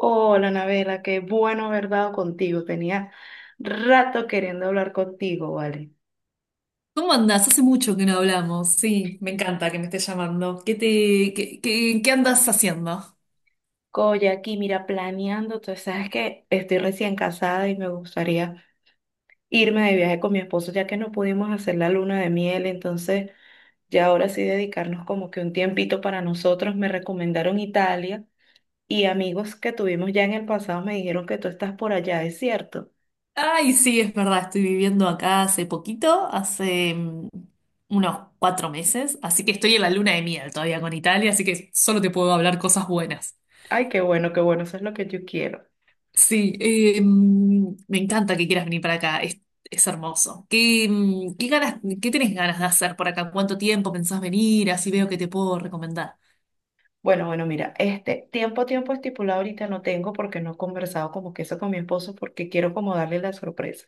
Hola, Anabela, qué bueno haber dado contigo. Tenía rato queriendo hablar contigo, ¿vale? ¿Cómo andás? Hace mucho que no hablamos. Sí, me encanta que me estés llamando. ¿Qué te, qué andas haciendo? Oye, aquí, mira, planeando, tú sabes que estoy recién casada y me gustaría irme de viaje con mi esposo, ya que no pudimos hacer la luna de miel, entonces ya ahora sí dedicarnos como que un tiempito para nosotros. Me recomendaron Italia y amigos que tuvimos ya en el pasado me dijeron que tú estás por allá, ¿es cierto? Ay, sí, es verdad, estoy viviendo acá hace poquito, hace unos cuatro meses, así que estoy en la luna de miel todavía con Italia, así que solo te puedo hablar cosas buenas. Ay, qué bueno, eso es lo que yo quiero. Sí, me encanta que quieras venir para acá, es hermoso. ¿ qué ganas, qué tenés ganas de hacer por acá? ¿Cuánto tiempo pensás venir? Así veo que te puedo recomendar. Bueno, bueno, mira, este tiempo estipulado ahorita no tengo porque no he conversado como que eso con mi esposo porque quiero como darle la sorpresa.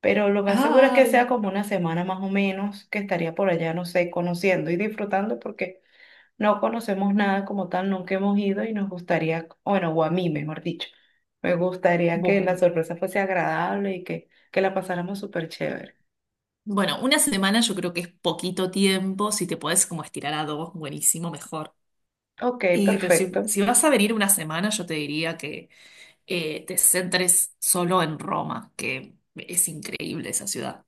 Pero lo más seguro es que Ay, sea como una semana más o menos que estaría por allá, no sé, conociendo y disfrutando porque no conocemos nada como tal, nunca hemos ido y nos gustaría, bueno, o a mí mejor dicho, me gustaría que la bueno. sorpresa fuese agradable y que la pasáramos súper chévere. Bueno, una semana yo creo que es poquito tiempo. Si te puedes como estirar a dos, buenísimo, mejor. Ok, Y, pero perfecto. si vas a venir una semana, yo te diría que te centres solo en Roma, que es increíble esa ciudad.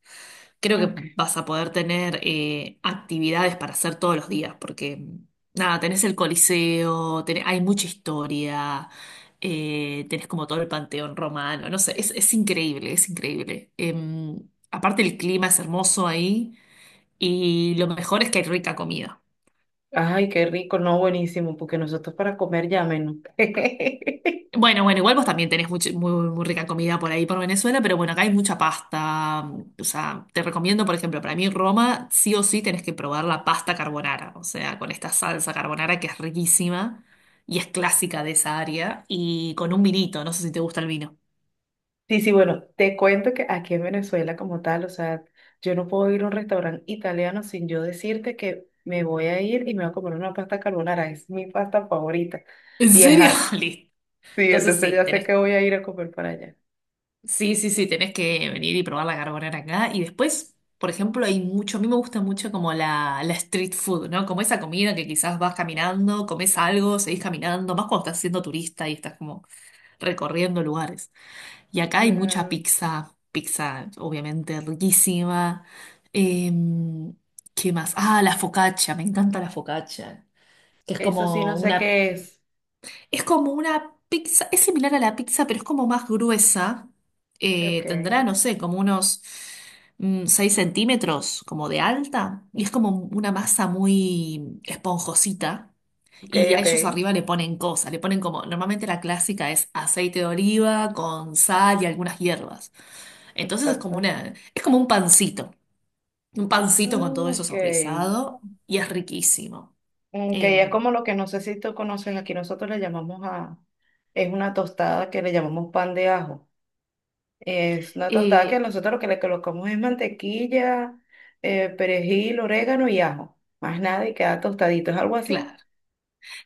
Creo que Ok. vas a poder tener actividades para hacer todos los días, porque nada, tenés el Coliseo, hay mucha historia, tenés como todo el panteón romano, no sé, es increíble, es increíble. Aparte el clima es hermoso ahí. Y lo mejor es que hay rica comida. Ay, qué rico, no, buenísimo, porque nosotros para comer ya menos. Bueno, bueno, igual vos también muy, muy rica comida por ahí, por Venezuela, pero bueno, acá hay mucha pasta. O sea, te recomiendo, por ejemplo, para mí Roma, sí o sí tenés que probar la pasta carbonara, o sea, con esta salsa carbonara que es riquísima y es clásica de esa área, y con un vinito, no sé si te gusta el vino. Sí, sí, bueno, te cuento que aquí en Venezuela como tal, o sea, yo no puedo ir a un restaurante italiano sin yo decirte que me voy a ir y me voy a comer una pasta carbonara, es mi pasta favorita. ¿En Y serio? ajá, Listo. sí, Entonces entonces sí, ya sé que tenés voy a ir a comer para allá. Sí, sí, sí, tenés que venir y probar la carbonara acá. Y después, por ejemplo, hay mucho, a mí me gusta mucho como la street food, ¿no? Como esa comida que quizás vas caminando, comes algo, seguís caminando, más cuando estás siendo turista y estás como recorriendo lugares. Y acá hay mucha Claro. pizza, pizza obviamente riquísima. Em, ¿Qué más? Ah, la focaccia, me encanta la focaccia, que Eso sí, no sé qué es. es como una pizza, es similar a la pizza, pero es como más gruesa. Ok, Tendrá, no sé, como unos 6 centímetros, como de alta. Y es como una masa muy esponjosita. ok, Y a ok, ellos arriba le ponen cosas, le ponen como, normalmente la clásica es aceite de oliva con sal y algunas hierbas. Entonces es como exacto. una, es como un pancito con Mm, todo eso ok, saborizado y es riquísimo. ok, es Em, como lo que no sé si tú conoces, aquí nosotros le llamamos a, es una tostada que le llamamos pan de ajo. Es una tostada que eh, nosotros lo que le colocamos es mantequilla, perejil, orégano y ajo. Más nada y queda tostadito. ¿Es algo claro, así?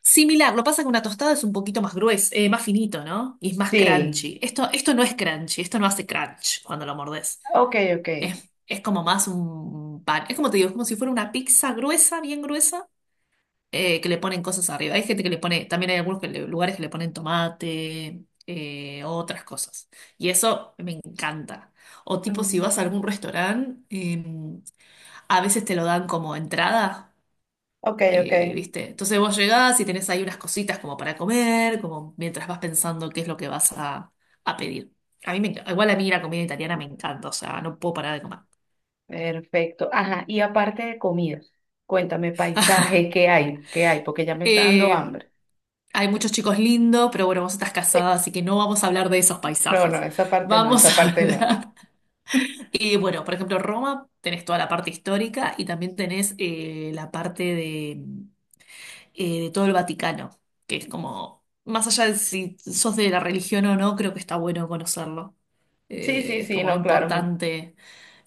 similar, lo pasa que una tostada es un poquito más gruesa, más finito, ¿no? Y es más Sí. crunchy. Esto no es crunchy, esto no hace crunch cuando lo mordes. Ok, ok. Es como más un pan. Es como te digo, es como si fuera una pizza gruesa, bien gruesa, que le ponen cosas arriba. Hay gente que le pone, también hay algunos lugares que le ponen tomate, otras cosas. Y eso me encanta. O tipo, si vas a Mm. algún restaurante, a veces te lo dan como entrada. Ok, ok. ¿Viste? Entonces vos llegás y tenés ahí unas cositas como para comer, como mientras vas pensando qué es lo que vas a pedir. A mí me enc- Igual a mí la comida italiana me encanta, o sea, no puedo parar de comer. Perfecto. Ajá. Y aparte de comidas, cuéntame paisajes, ¿qué hay? ¿Qué hay? Porque ya me está dando Eh, hambre. Hay muchos chicos lindos, pero bueno, vos estás casada, así que no vamos a hablar de esos No, no, paisajes. esa parte no, Vamos esa a parte no. hablar. Y bueno, por ejemplo, Roma, tenés toda la parte histórica y también tenés la parte de todo el Vaticano, que es como, más allá de si sos de la religión o no, creo que está bueno conocerlo. Sí, sí, Es sí, como no, claro. Me... importante,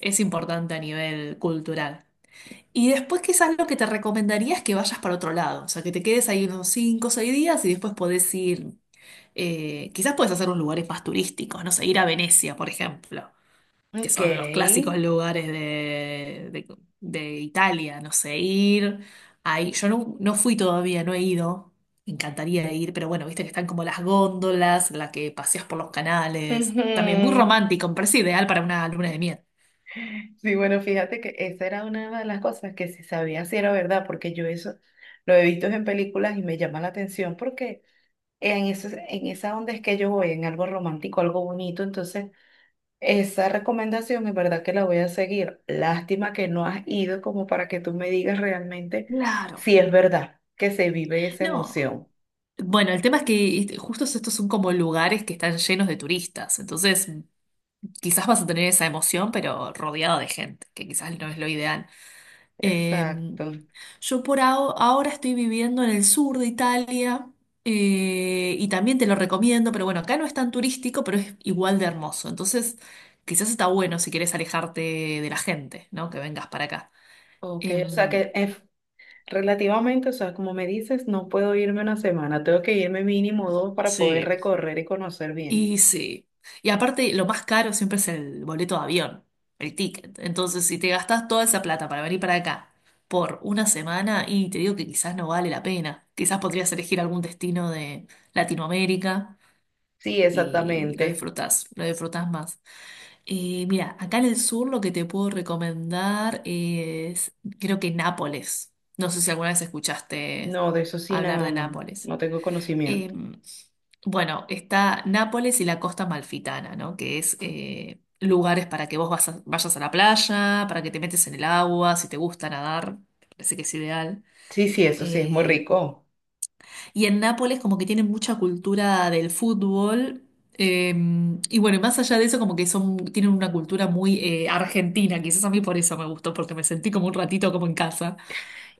es importante a nivel cultural. Y después quizás lo que te recomendaría es que vayas para otro lado, o sea, que te quedes ahí unos 5 o 6 días y después podés ir, quizás puedes hacer unos lugares más turísticos, no sé, ir a Venecia, por ejemplo que Ok. son los clásicos lugares de, de Italia, no sé, ir ahí. Yo no, no fui todavía, no he ido. Me encantaría ir, pero bueno, viste que están como las góndolas, la que paseas por los canales. Ujú. También muy romántico, me parece ideal para una luna de miel. Sí, bueno, fíjate que esa era una de las cosas que si sabía si era verdad, porque yo eso lo he visto en películas y me llama la atención porque en eso, en esa onda es que yo voy, en algo romántico, algo bonito, entonces esa recomendación es verdad que la voy a seguir. Lástima que no has ido como para que tú me digas realmente Claro. si es verdad que se vive esa No. emoción. Bueno, el tema es que este, justo estos son como lugares que están llenos de turistas, entonces quizás vas a tener esa emoción, pero rodeado de gente, que quizás no es lo ideal. Em, Exacto. Yo ahora estoy viviendo en el sur de Italia, y también te lo recomiendo, pero bueno, acá no es tan turístico, pero es igual de hermoso. Entonces, quizás está bueno si quieres alejarte de la gente, ¿no? Que vengas para acá. Ok, o sea Em, que es relativamente, o sea, como me dices, no puedo irme una semana, tengo que irme mínimo dos para poder sí, recorrer y conocer bien. y sí. Y aparte, lo más caro siempre es el boleto de avión, el ticket. Entonces, si te gastas toda esa plata para venir para acá por una semana, y te digo que quizás no vale la pena. Quizás podrías elegir algún destino de Latinoamérica. Sí, Y exactamente. Lo disfrutas más. Mira, acá en el sur lo que te puedo recomendar es, creo que Nápoles. No sé si alguna vez escuchaste No, de eso sí, hablar nada, de no, Nápoles. no tengo conocimiento. Eh, bueno, está Nápoles y la costa malfitana, ¿no? Que es lugares para que vayas a la playa, para que te metes en el agua, si te gusta nadar, parece que es ideal. Sí, sí, eso sí, es muy Eh, rico. y en Nápoles como que tienen mucha cultura del fútbol. eh, y bueno, y más allá de eso, como que son, tienen una cultura muy argentina. Quizás a mí por eso me gustó, porque me sentí como un ratito como en casa.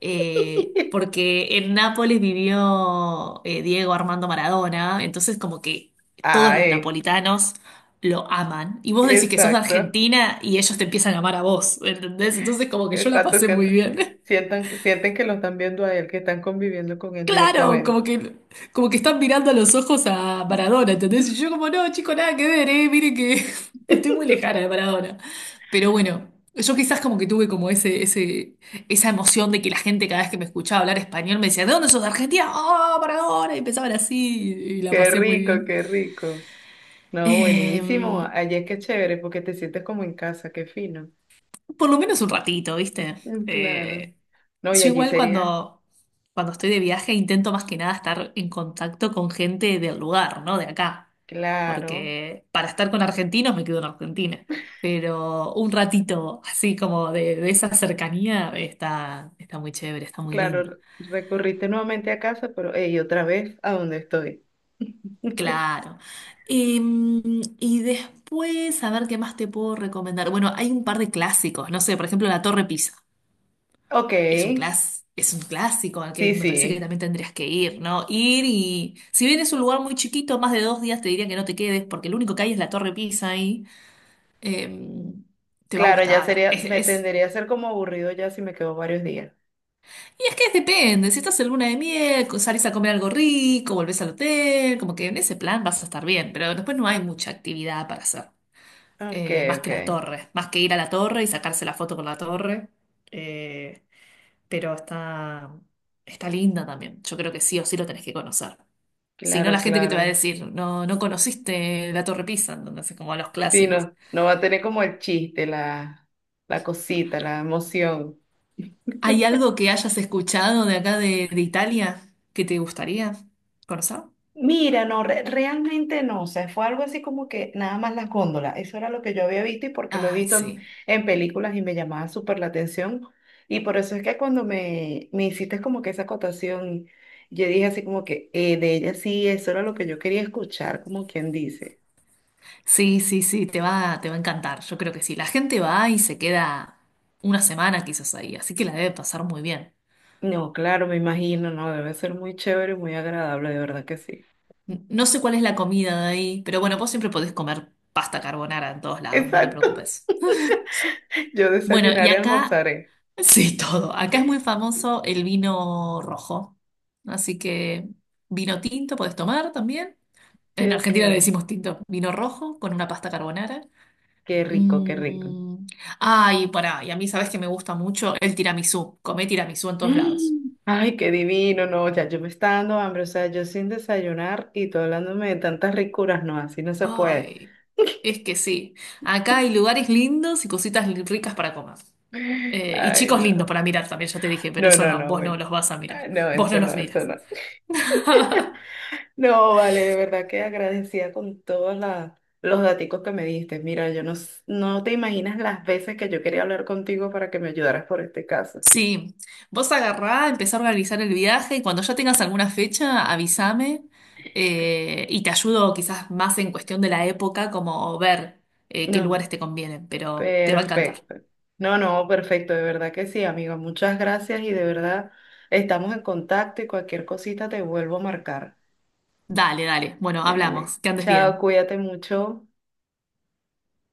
Porque en Nápoles vivió Diego Armando Maradona, entonces como que todos los Ay, napolitanos lo aman. Y vos decís que sos de exacto, Argentina y ellos te empiezan a amar a vos, ¿entendés? Entonces como que yo la exacto, pasé muy sienten, bien. sientan, que- sienten que lo están viendo a él, que están conviviendo con él Claro, directamente. Como que están mirando a los ojos a Maradona, ¿entendés? Y yo como, no, chico, nada que ver, mire que estoy muy lejana de Maradona. Pero bueno, yo quizás como que tuve como esa emoción de que la gente cada vez que me escuchaba hablar español me decía, ¿de dónde sos? ¿De Argentina? ¡Oh, Maradona! Y empezaban así y la Qué pasé muy rico, bien. qué rico. No, Eh, buenísimo. Allí es que es chévere porque te sientes como en casa, qué fino. por lo menos un ratito, ¿viste? Mm, claro. Eh, No, y Yo allí igual sería, cuando estoy de viaje intento más que nada estar en contacto con gente del lugar, ¿no? De acá. claro, Porque para estar con argentinos me quedo en Argentina. Pero un ratito así como de esa cercanía está, está muy chévere, está muy lindo. claro, recurriste nuevamente a casa, pero hey, otra vez a donde estoy. Claro. Y después, a ver qué más te puedo recomendar. Bueno, hay un par de clásicos, no sé, por ejemplo, la Torre Pisa. Ok, Es un clásico al que sí, me parece que sí. también tendrías que ir, ¿no? Ir y si bien es un lugar muy chiquito, más de dos días te diría que no te quedes porque lo único que hay es la Torre Pisa ahí. eh, Te va a Claro, ya gustar. sería, me tendería a ser como aburrido ya si me quedo varios días. Y es que depende, si estás en luna de miel, salís a comer algo rico, volvés al hotel, como que en ese plan vas a estar bien, pero después no hay mucha actividad para hacer. Ok, Más ok. que la torre, más que ir a la torre y sacarse la foto con la torre. eh, pero está, está linda también. Yo creo que sí o sí lo tenés que conocer. Si no, la Claro, gente que te va a claro. decir, no, no conociste la Torre Pisa, entonces como a los Sí, clásicos. no, no va a tener como el chiste, la cosita, la emoción. ¿Hay algo que hayas escuchado de acá de Italia que te gustaría conocer? Mira, no, realmente no, o sea, fue algo así como que nada más las góndolas, eso era lo que yo había visto y porque lo he Ay, visto sí. en películas y me llamaba súper la atención y por eso es que cuando me hiciste como que esa acotación, yo dije así como que de ella sí, eso era lo que yo quería escuchar, como quien dice. Sí, sí, sí, te va a encantar. Yo creo que sí. La gente va y se queda una semana quizás ahí, así que la debe pasar muy bien. No, claro, me imagino, no, debe ser muy chévere y muy agradable, de verdad que sí. No sé cuál es la comida de ahí, pero bueno, vos siempre podés comer pasta carbonara en todos lados, no te Exacto, preocupes. yo Bueno, y desayunaré, acá, almorzaré. sí, todo. Acá es muy famoso el vino rojo. Así que vino tinto puedes tomar también. Sí, En ok, Argentina le decimos tinto, vino rojo con una pasta carbonara. qué rico, qué rico. Mm. Ay, pará, y a mí sabes que me gusta mucho el tiramisú. Comé tiramisú en todos lados. Mm. Ay, qué divino, no, ya yo me está dando hambre, o sea, yo sin desayunar y tú hablándome de tantas ricuras, no, así no se puede. Ay, es que sí. Acá hay lugares lindos y ricas para comer. Y Ay, chicos lindos no. para mirar también, ya te dije, pero No, eso no, no, no, vos no bueno. los vas a mirar. Ay, no, Vos no eso no, los eso miras. no. No, vale, de verdad que agradecida con todos los daticos que me diste. Mira, yo no, no te imaginas las veces que yo quería hablar contigo para que me ayudaras por este caso. Sí, vos agarrá, empezá a organizar el viaje y cuando ya tengas alguna fecha, avísame y te ayudo quizás más en cuestión de la época, como ver qué No. lugares te convienen, pero te va a encantar. Perfecto. No, no, perfecto, de verdad que sí, amigo. Muchas gracias y de verdad estamos en contacto y cualquier cosita te vuelvo a marcar. Dale, dale. Bueno, Dale. hablamos. Que andes Chao, bien. cuídate mucho.